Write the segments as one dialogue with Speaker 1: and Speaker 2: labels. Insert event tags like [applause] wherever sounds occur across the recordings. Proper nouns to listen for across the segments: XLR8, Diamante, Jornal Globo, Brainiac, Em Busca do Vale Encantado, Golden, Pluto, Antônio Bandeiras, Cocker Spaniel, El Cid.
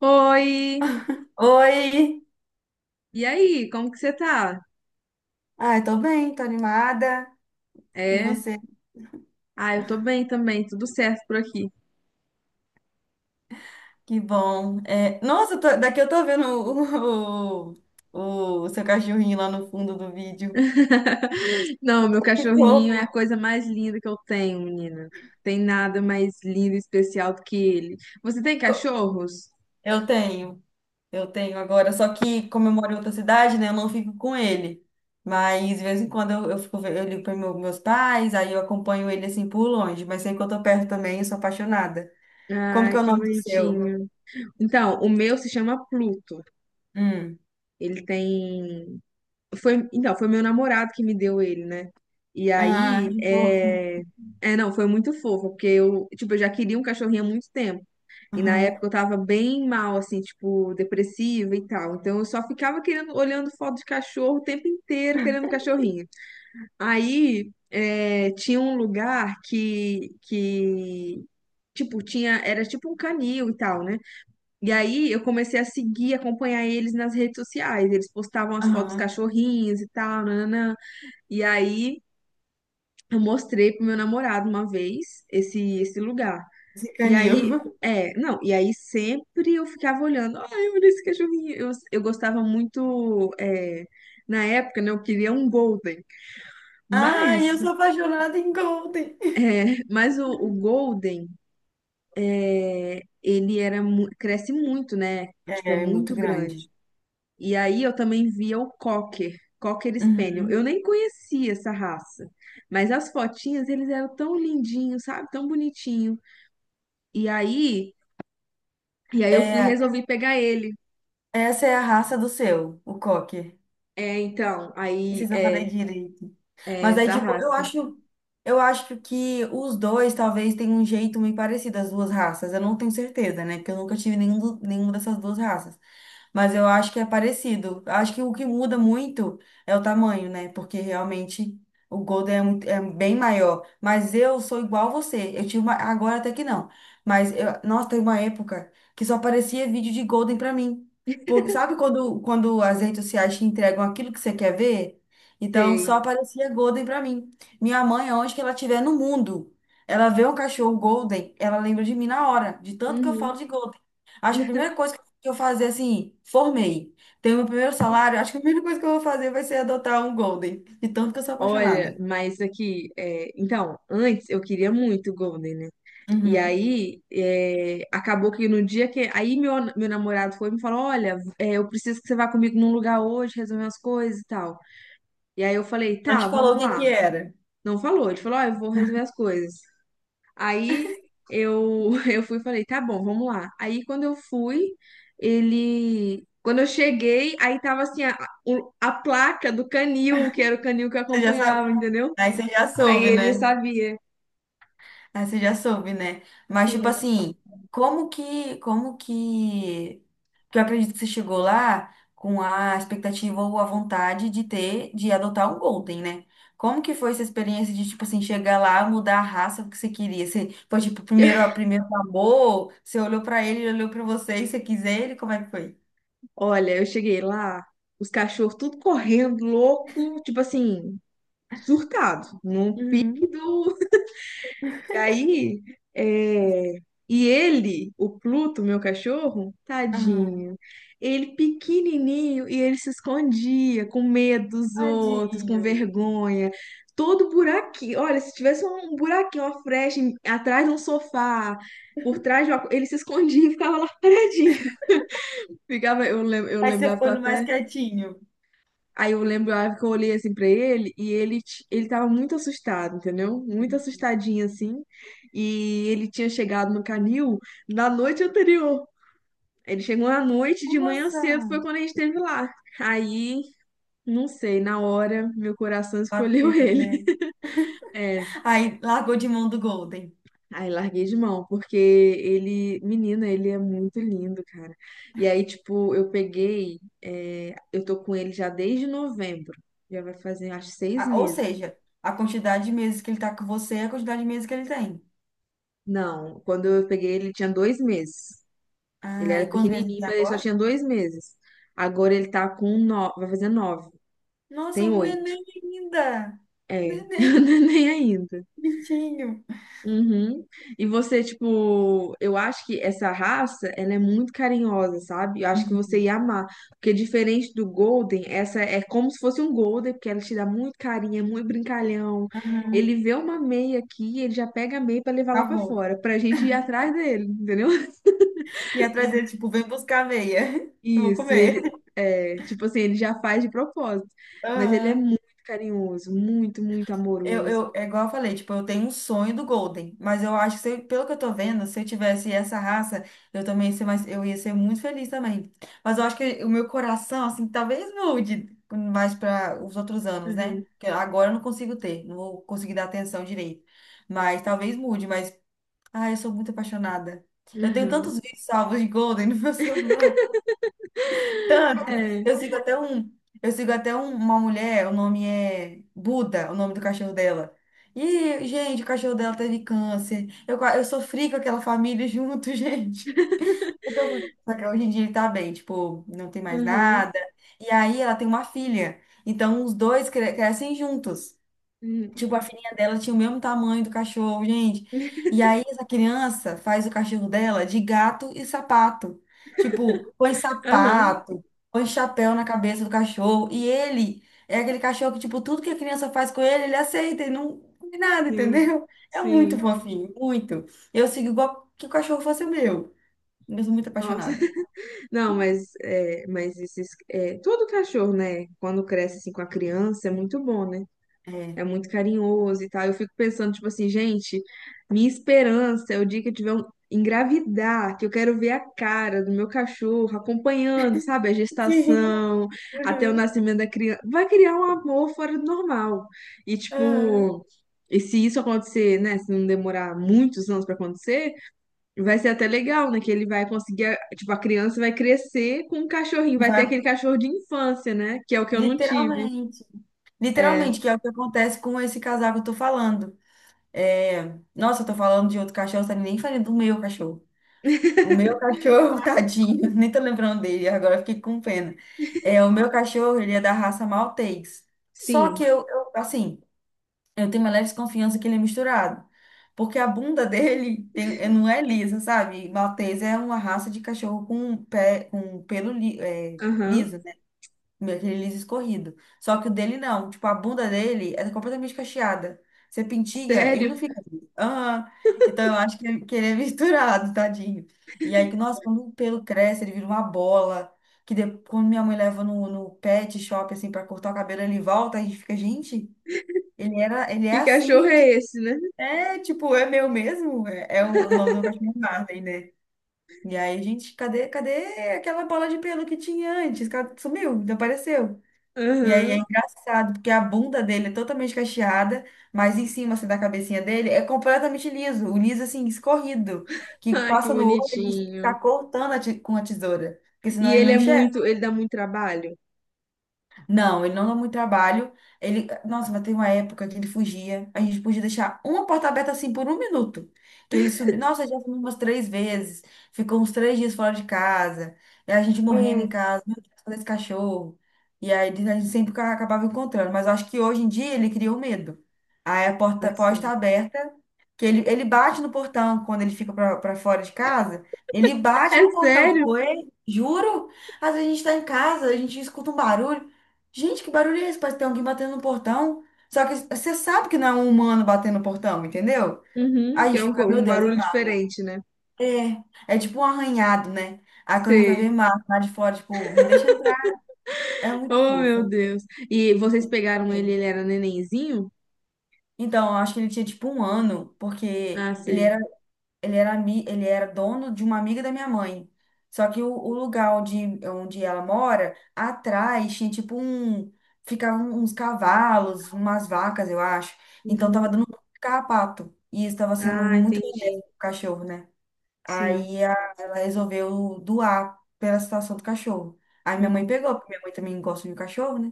Speaker 1: Oi!
Speaker 2: Oi!
Speaker 1: E aí, como que você tá?
Speaker 2: Ai, tô bem, tô animada. E
Speaker 1: É?
Speaker 2: você?
Speaker 1: Ah, eu tô bem também, tudo certo por aqui.
Speaker 2: Que bom. É, nossa, daqui eu tô vendo o seu cachorrinho lá no fundo do vídeo.
Speaker 1: [laughs] Não, meu
Speaker 2: Que
Speaker 1: cachorrinho
Speaker 2: fofo!
Speaker 1: é a coisa mais linda que eu tenho, menina. Tem nada mais lindo e especial do que ele. Você tem
Speaker 2: Co-
Speaker 1: cachorros?
Speaker 2: Eu tenho, eu tenho agora. Só que, como eu moro em outra cidade, né, eu não fico com ele. Mas, de vez em quando, eu ligo para meus pais, aí eu acompanho ele assim por longe. Mas sempre que eu tô perto também, eu sou apaixonada. Como que
Speaker 1: Ai,
Speaker 2: é o
Speaker 1: que
Speaker 2: nome do seu?
Speaker 1: bonitinho. Então, o meu se chama Pluto.
Speaker 2: Hum.
Speaker 1: Ele tem. Foi... Então, foi meu namorado que me deu ele, né? E
Speaker 2: Ah,
Speaker 1: aí,
Speaker 2: que fofo.
Speaker 1: é. É, não, foi muito fofo, porque eu, tipo, eu já queria um cachorrinho há muito tempo. E na
Speaker 2: Aham,
Speaker 1: época eu tava bem mal, assim, tipo, depressiva e tal. Então eu só ficava querendo, olhando foto de cachorro o tempo inteiro, querendo um cachorrinho. Aí é, tinha um lugar que, tipo, tinha, era tipo um canil e tal, né? E aí eu comecei a seguir, acompanhar eles nas redes sociais. Eles postavam as fotos dos
Speaker 2: aham.
Speaker 1: cachorrinhos e tal, nananã. E aí eu mostrei pro meu namorado uma vez esse lugar. E aí,
Speaker 2: Zicanil.
Speaker 1: é, não, e aí sempre eu ficava olhando, ai, olha esse cachorrinho. Eu gostava muito, é, na época, né, eu queria um Golden, mas,
Speaker 2: Ai, eu sou apaixonada em Golden.
Speaker 1: é, mas o Golden, é, ele era, mu- cresce muito, né, tipo, é
Speaker 2: É, é muito
Speaker 1: muito grande.
Speaker 2: grande.
Speaker 1: E aí eu também via o Cocker, Cocker Spaniel.
Speaker 2: Uhum.
Speaker 1: Eu nem conhecia essa raça, mas as fotinhas, eles eram tão lindinhos, sabe, tão bonitinho. E aí, e aí eu fui, e
Speaker 2: É,
Speaker 1: resolvi pegar ele.
Speaker 2: essa é a raça do seu, o Cocker.
Speaker 1: É, então,
Speaker 2: Não
Speaker 1: aí
Speaker 2: sei se eu falei
Speaker 1: é,
Speaker 2: direito.
Speaker 1: é
Speaker 2: Mas aí,
Speaker 1: essa
Speaker 2: tipo, eu
Speaker 1: raça.
Speaker 2: acho, eu acho que os dois talvez tenham um jeito meio parecido, as duas raças. Eu não tenho certeza, né? Porque eu nunca tive nenhum, nenhuma dessas duas raças. Mas eu acho que é parecido. Eu acho que o que muda muito é o tamanho, né? Porque realmente o Golden é bem maior. Mas eu sou igual a você. Eu tive uma. Agora até que não. Mas nossa, teve uma época que só aparecia vídeo de Golden pra mim. Sabe quando as redes sociais te entregam aquilo que você quer ver? Então
Speaker 1: Sei.
Speaker 2: só aparecia Golden pra mim. Minha mãe, aonde que ela estiver no mundo, ela vê um cachorro Golden, ela lembra de mim na hora, de tanto que eu
Speaker 1: Uhum.
Speaker 2: falo de Golden. Acho que a primeira coisa que eu vou fazer assim, formei, tenho meu primeiro salário, acho que a primeira coisa que eu vou fazer vai ser adotar um Golden, de tanto que eu sou
Speaker 1: Olha,
Speaker 2: apaixonada.
Speaker 1: mas aqui, é, então, antes eu queria muito Golden, né? E
Speaker 2: Uhum.
Speaker 1: aí, é, acabou que no dia que. Aí meu namorado foi e me falou: Olha, é, eu preciso que você vá comigo num lugar hoje, resolver umas coisas e tal. E aí eu falei:
Speaker 2: Não te
Speaker 1: Tá,
Speaker 2: falou
Speaker 1: vamos
Speaker 2: o que que
Speaker 1: lá.
Speaker 2: era.
Speaker 1: Não falou, ele falou: Ó, eu vou resolver as coisas. Aí eu, [laughs] eu fui e falei, tá bom, vamos lá. Aí quando eu fui, ele. Quando eu cheguei, aí tava assim, a, o- a placa do canil, que era o canil que eu
Speaker 2: Você já
Speaker 1: acompanhava,
Speaker 2: sabe.
Speaker 1: entendeu?
Speaker 2: Aí você já
Speaker 1: Aí
Speaker 2: soube,
Speaker 1: ele
Speaker 2: né?
Speaker 1: sabia.
Speaker 2: Ah, você já soube, né? Mas, tipo
Speaker 1: Sim.
Speaker 2: assim, como que, como que, que eu acredito que você chegou lá com a expectativa ou a vontade de ter, de adotar um Golden, né? Como que foi essa experiência de, tipo assim, chegar lá, mudar a raça que você queria? Você foi, tipo, primeiro,
Speaker 1: [laughs]
Speaker 2: primeiro amor, você olhou pra ele, ele olhou pra você e você quis ele? Como é que foi?
Speaker 1: Olha, eu cheguei lá, os cachorros tudo correndo, louco, tipo assim, surtado, num pique
Speaker 2: Uhum.
Speaker 1: do E aí, é, e ele, o Pluto, meu cachorro,
Speaker 2: Aham.
Speaker 1: tadinho, ele pequenininho e ele se escondia com medo dos outros, com
Speaker 2: Tadinho.
Speaker 1: vergonha. Todo buraquinho, olha, se tivesse um buraquinho, uma frecha em- atrás de um sofá, por trás de uma... co- ele se escondia e ficava lá paradinho. [laughs] Ficava, eu, lem- eu
Speaker 2: Aí você
Speaker 1: lembrava que
Speaker 2: foi
Speaker 1: eu
Speaker 2: no mais
Speaker 1: até
Speaker 2: quietinho.
Speaker 1: Aí eu lembro a hora que eu olhei assim pra ele e ele, t- ele tava muito assustado, entendeu? Muito assustadinho assim. E ele tinha chegado no canil na noite anterior. Ele chegou à noite, de manhã
Speaker 2: Nossa,
Speaker 1: cedo foi quando a gente esteve lá. Aí, não sei, na hora meu coração escolheu
Speaker 2: bateu,
Speaker 1: ele.
Speaker 2: né?
Speaker 1: [laughs] É,
Speaker 2: Aí largou de mão do Golden.
Speaker 1: aí larguei de mão, porque ele, menina, ele é muito lindo, cara. E aí, tipo, eu peguei, é, eu tô com ele já desde novembro. Já vai fazer, acho, seis
Speaker 2: Ou
Speaker 1: meses.
Speaker 2: seja, a quantidade de meses que ele tá com você é a quantidade de meses que ele tem.
Speaker 1: Não, quando eu peguei ele tinha 2 meses. Ele
Speaker 2: Ah, e
Speaker 1: era
Speaker 2: quantos meses ele
Speaker 1: pequenininho,
Speaker 2: tem
Speaker 1: mas ele só
Speaker 2: agora?
Speaker 1: tinha 2 meses. Agora ele tá com nove, vai fazer nove.
Speaker 2: Nossa,
Speaker 1: Tem
Speaker 2: um
Speaker 1: oito.
Speaker 2: neném ainda!
Speaker 1: É,
Speaker 2: Neném,
Speaker 1: [laughs] nem ainda.
Speaker 2: bichinho.
Speaker 1: Uhum. E você, tipo, eu acho que essa raça, ela é muito carinhosa, sabe? Eu acho que você
Speaker 2: Uhum.
Speaker 1: ia amar. Porque diferente do Golden, essa é como se fosse um Golden, porque ela te dá muito carinho, é muito brincalhão.
Speaker 2: Uhum.
Speaker 1: Ele vê uma meia aqui, ele já pega a meia pra levar lá
Speaker 2: Tá
Speaker 1: pra
Speaker 2: bom.
Speaker 1: fora, pra gente ir atrás dele, entendeu?
Speaker 2: E atrás dele,
Speaker 1: [laughs]
Speaker 2: tipo, vem buscar a meia. [laughs] Eu vou
Speaker 1: Isso,
Speaker 2: comer.
Speaker 1: ele é, tipo assim, ele já faz de propósito, mas ele é
Speaker 2: Aham.
Speaker 1: muito carinhoso, muito, muito
Speaker 2: Eu,
Speaker 1: amoroso.
Speaker 2: eu, é igual eu falei, tipo, eu tenho um sonho do Golden, mas eu acho que, se eu- pelo que eu tô vendo, se eu tivesse essa raça, eu também ia ser mais, eu ia ser muito feliz também. Mas eu acho que o meu coração, assim, talvez mude mais para os outros anos, né?
Speaker 1: Aham,
Speaker 2: Que agora eu não consigo ter, não vou conseguir dar atenção direito. Mas talvez mude, mas, ai, eu sou muito apaixonada. Eu tenho
Speaker 1: aham.
Speaker 2: tantos vídeos salvos de Golden no meu [laughs] celular. Tanto.
Speaker 1: É,
Speaker 2: Eu sigo até um, eu sigo até uma mulher, o nome é Buda, o nome do cachorro dela. E, gente, o cachorro dela teve câncer. Eu sofri com aquela família junto, [laughs] gente. Porque só que hoje em dia ele tá bem, tipo, não tem mais
Speaker 1: aham.
Speaker 2: nada. E aí ela tem uma filha. Então os dois crescem juntos.
Speaker 1: Hum,
Speaker 2: Tipo, a filhinha dela tinha o mesmo tamanho do cachorro, gente. E aí, essa criança faz o cachorro dela de gato e sapato. Tipo, põe
Speaker 1: aham,
Speaker 2: sapato, põe chapéu na cabeça do cachorro. E ele é aquele cachorro que, tipo, tudo que a criança faz com ele, ele aceita e não faz nada,
Speaker 1: sim,
Speaker 2: entendeu? É muito
Speaker 1: sim.
Speaker 2: fofinho, muito. Eu sigo igual que o cachorro fosse o meu. Eu sou muito
Speaker 1: Nossa.
Speaker 2: apaixonada.
Speaker 1: [laughs] Não, mas, é, mas esses, é, todo cachorro, né? Quando cresce assim com a criança, é muito bom, né?
Speaker 2: É.
Speaker 1: É muito carinhoso e tal. Eu fico pensando, tipo assim, gente, minha esperança é o dia que eu tiver um engravidar, que eu quero ver a cara do meu cachorro acompanhando, sabe, a
Speaker 2: [laughs] Sim.
Speaker 1: gestação, até o
Speaker 2: Uhum.
Speaker 1: nascimento da criança. Vai criar um amor fora do normal. E,
Speaker 2: Uhum.
Speaker 1: tipo, e se isso acontecer, né, se não demorar muitos anos pra acontecer, vai ser até legal, né, que ele vai conseguir, a- tipo, a criança vai crescer com um cachorrinho,
Speaker 2: E
Speaker 1: vai ter
Speaker 2: vai,
Speaker 1: aquele cachorro de infância, né, que é o que eu não tive.
Speaker 2: literalmente.
Speaker 1: É,
Speaker 2: Literalmente, que é o que acontece com esse casal que eu tô falando. É, nossa, eu tô falando de outro cachorro, tá nem falando do meu cachorro. O meu cachorro, [laughs] tadinho, nem tô lembrando dele, agora eu fiquei com pena. É, o meu cachorro, ele é da raça Maltês. Só
Speaker 1: sim,
Speaker 2: que eu tenho uma leve desconfiança que ele é misturado. Porque a bunda dele não é lisa, sabe? Maltês é uma raça de cachorro com pé, com pelo li, é,
Speaker 1: aham.
Speaker 2: liso. Meu, aquele liso escorrido. Só que o dele não. Tipo, a bunda dele é completamente cacheada. Você pintiga, ele
Speaker 1: Sério?
Speaker 2: não fica liso. Aham. Então eu acho que ele é [laughs] misturado, tadinho. E aí, nossa, quando o pelo cresce, ele vira uma bola. Que quando minha mãe leva no pet shop, assim, pra cortar o cabelo, ele volta, a gente fica, gente, ele é
Speaker 1: Que cachorro
Speaker 2: assim.
Speaker 1: é esse, né?
Speaker 2: É, tipo, é meu mesmo. É o nome do meu cachorro é Marley, né? E aí, gente, cadê, cadê aquela bola de pelo que tinha antes? Sumiu, desapareceu. E aí é
Speaker 1: Aham.
Speaker 2: engraçado, porque a bunda dele é totalmente cacheada, mas em cima, assim, da cabecinha dele é completamente liso. O liso, assim, escorrido. Que
Speaker 1: Ah, que
Speaker 2: passa no olho e a gente tem que ficar
Speaker 1: bonitinho.
Speaker 2: cortando com a tesoura. Porque senão
Speaker 1: E
Speaker 2: ele
Speaker 1: ele
Speaker 2: não
Speaker 1: é
Speaker 2: enxerga.
Speaker 1: muito, ele dá muito trabalho?
Speaker 2: Não, ele não dá muito trabalho. Ele, nossa, mas tem uma época que ele fugia. A gente podia deixar uma porta aberta assim por um minuto. Que ele subiu. Nossa, já subiu umas três vezes. Ficou uns 3 dias fora de casa. E a gente morrendo em
Speaker 1: Hum,
Speaker 2: casa. Meu Deus, cadê esse cachorro? E aí a gente sempre acabava encontrando. Mas eu acho que hoje em dia ele criou medo. Aí a porta pode
Speaker 1: assim.
Speaker 2: estar aberta. Que ele bate no portão quando ele fica pra fora de casa. Ele
Speaker 1: É
Speaker 2: bate no portão,
Speaker 1: sério?
Speaker 2: tipo, ei, juro? Às vezes a gente tá em casa, a gente escuta um barulho. Gente, que barulho é esse? Parece que tem alguém batendo no portão. Só que você sabe que não é um humano batendo no portão, entendeu?
Speaker 1: Uhum,
Speaker 2: Aí a
Speaker 1: que é
Speaker 2: gente
Speaker 1: um, co-
Speaker 2: fica, meu
Speaker 1: um
Speaker 2: Deus,
Speaker 1: barulho
Speaker 2: é mal.
Speaker 1: diferente, né?
Speaker 2: É, é tipo um arranhado, né? Aí quando a gente vai ver
Speaker 1: Sei.
Speaker 2: Marco lá de fora, tipo, me deixa entrar. É muito
Speaker 1: Oh, meu
Speaker 2: fofo,
Speaker 1: Deus. E vocês
Speaker 2: tenho
Speaker 1: pegaram ele,
Speaker 2: medo.
Speaker 1: ele era nenenzinho?
Speaker 2: Então, eu acho que ele tinha tipo um ano, porque
Speaker 1: Ah,
Speaker 2: ele
Speaker 1: sei.
Speaker 2: era ele era, ami- ele era dono de uma amiga da minha mãe. Só que o lugar onde ela mora, atrás tinha tipo um. Ficavam uns cavalos, umas vacas, eu acho. Então tava
Speaker 1: Uhum.
Speaker 2: dando muito carrapato. E isso tava sendo
Speaker 1: Ah,
Speaker 2: muito benéfico
Speaker 1: entendi.
Speaker 2: pro cachorro, né?
Speaker 1: Sim.
Speaker 2: Aí ela resolveu doar pela situação do cachorro. Aí minha mãe
Speaker 1: Uhum.
Speaker 2: pegou, porque minha mãe também gosta de cachorro, né?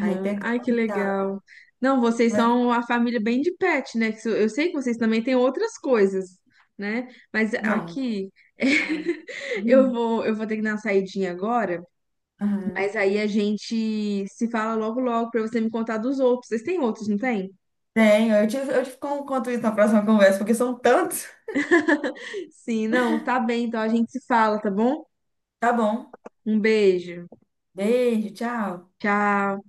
Speaker 2: Aí pegamos
Speaker 1: Ai, que
Speaker 2: e tá.
Speaker 1: legal. Não, vocês
Speaker 2: Mas,
Speaker 1: são uma família bem de pet, né? Que isso- Eu sei que vocês também têm outras coisas, né? Mas
Speaker 2: não.
Speaker 1: aqui
Speaker 2: Ah,
Speaker 1: [laughs] eu
Speaker 2: hum,
Speaker 1: vou, eu vou ter que dar uma saidinha agora,
Speaker 2: aham.
Speaker 1: mas aí a gente se fala logo logo pra você me contar dos outros. Vocês têm outros, não tem?
Speaker 2: Tenho, eu te conto isso na próxima conversa, porque são tantos.
Speaker 1: Sim, não, tá bem, então a gente se fala, tá bom?
Speaker 2: Tá bom.
Speaker 1: Um beijo.
Speaker 2: Beijo, tchau.
Speaker 1: Tchau.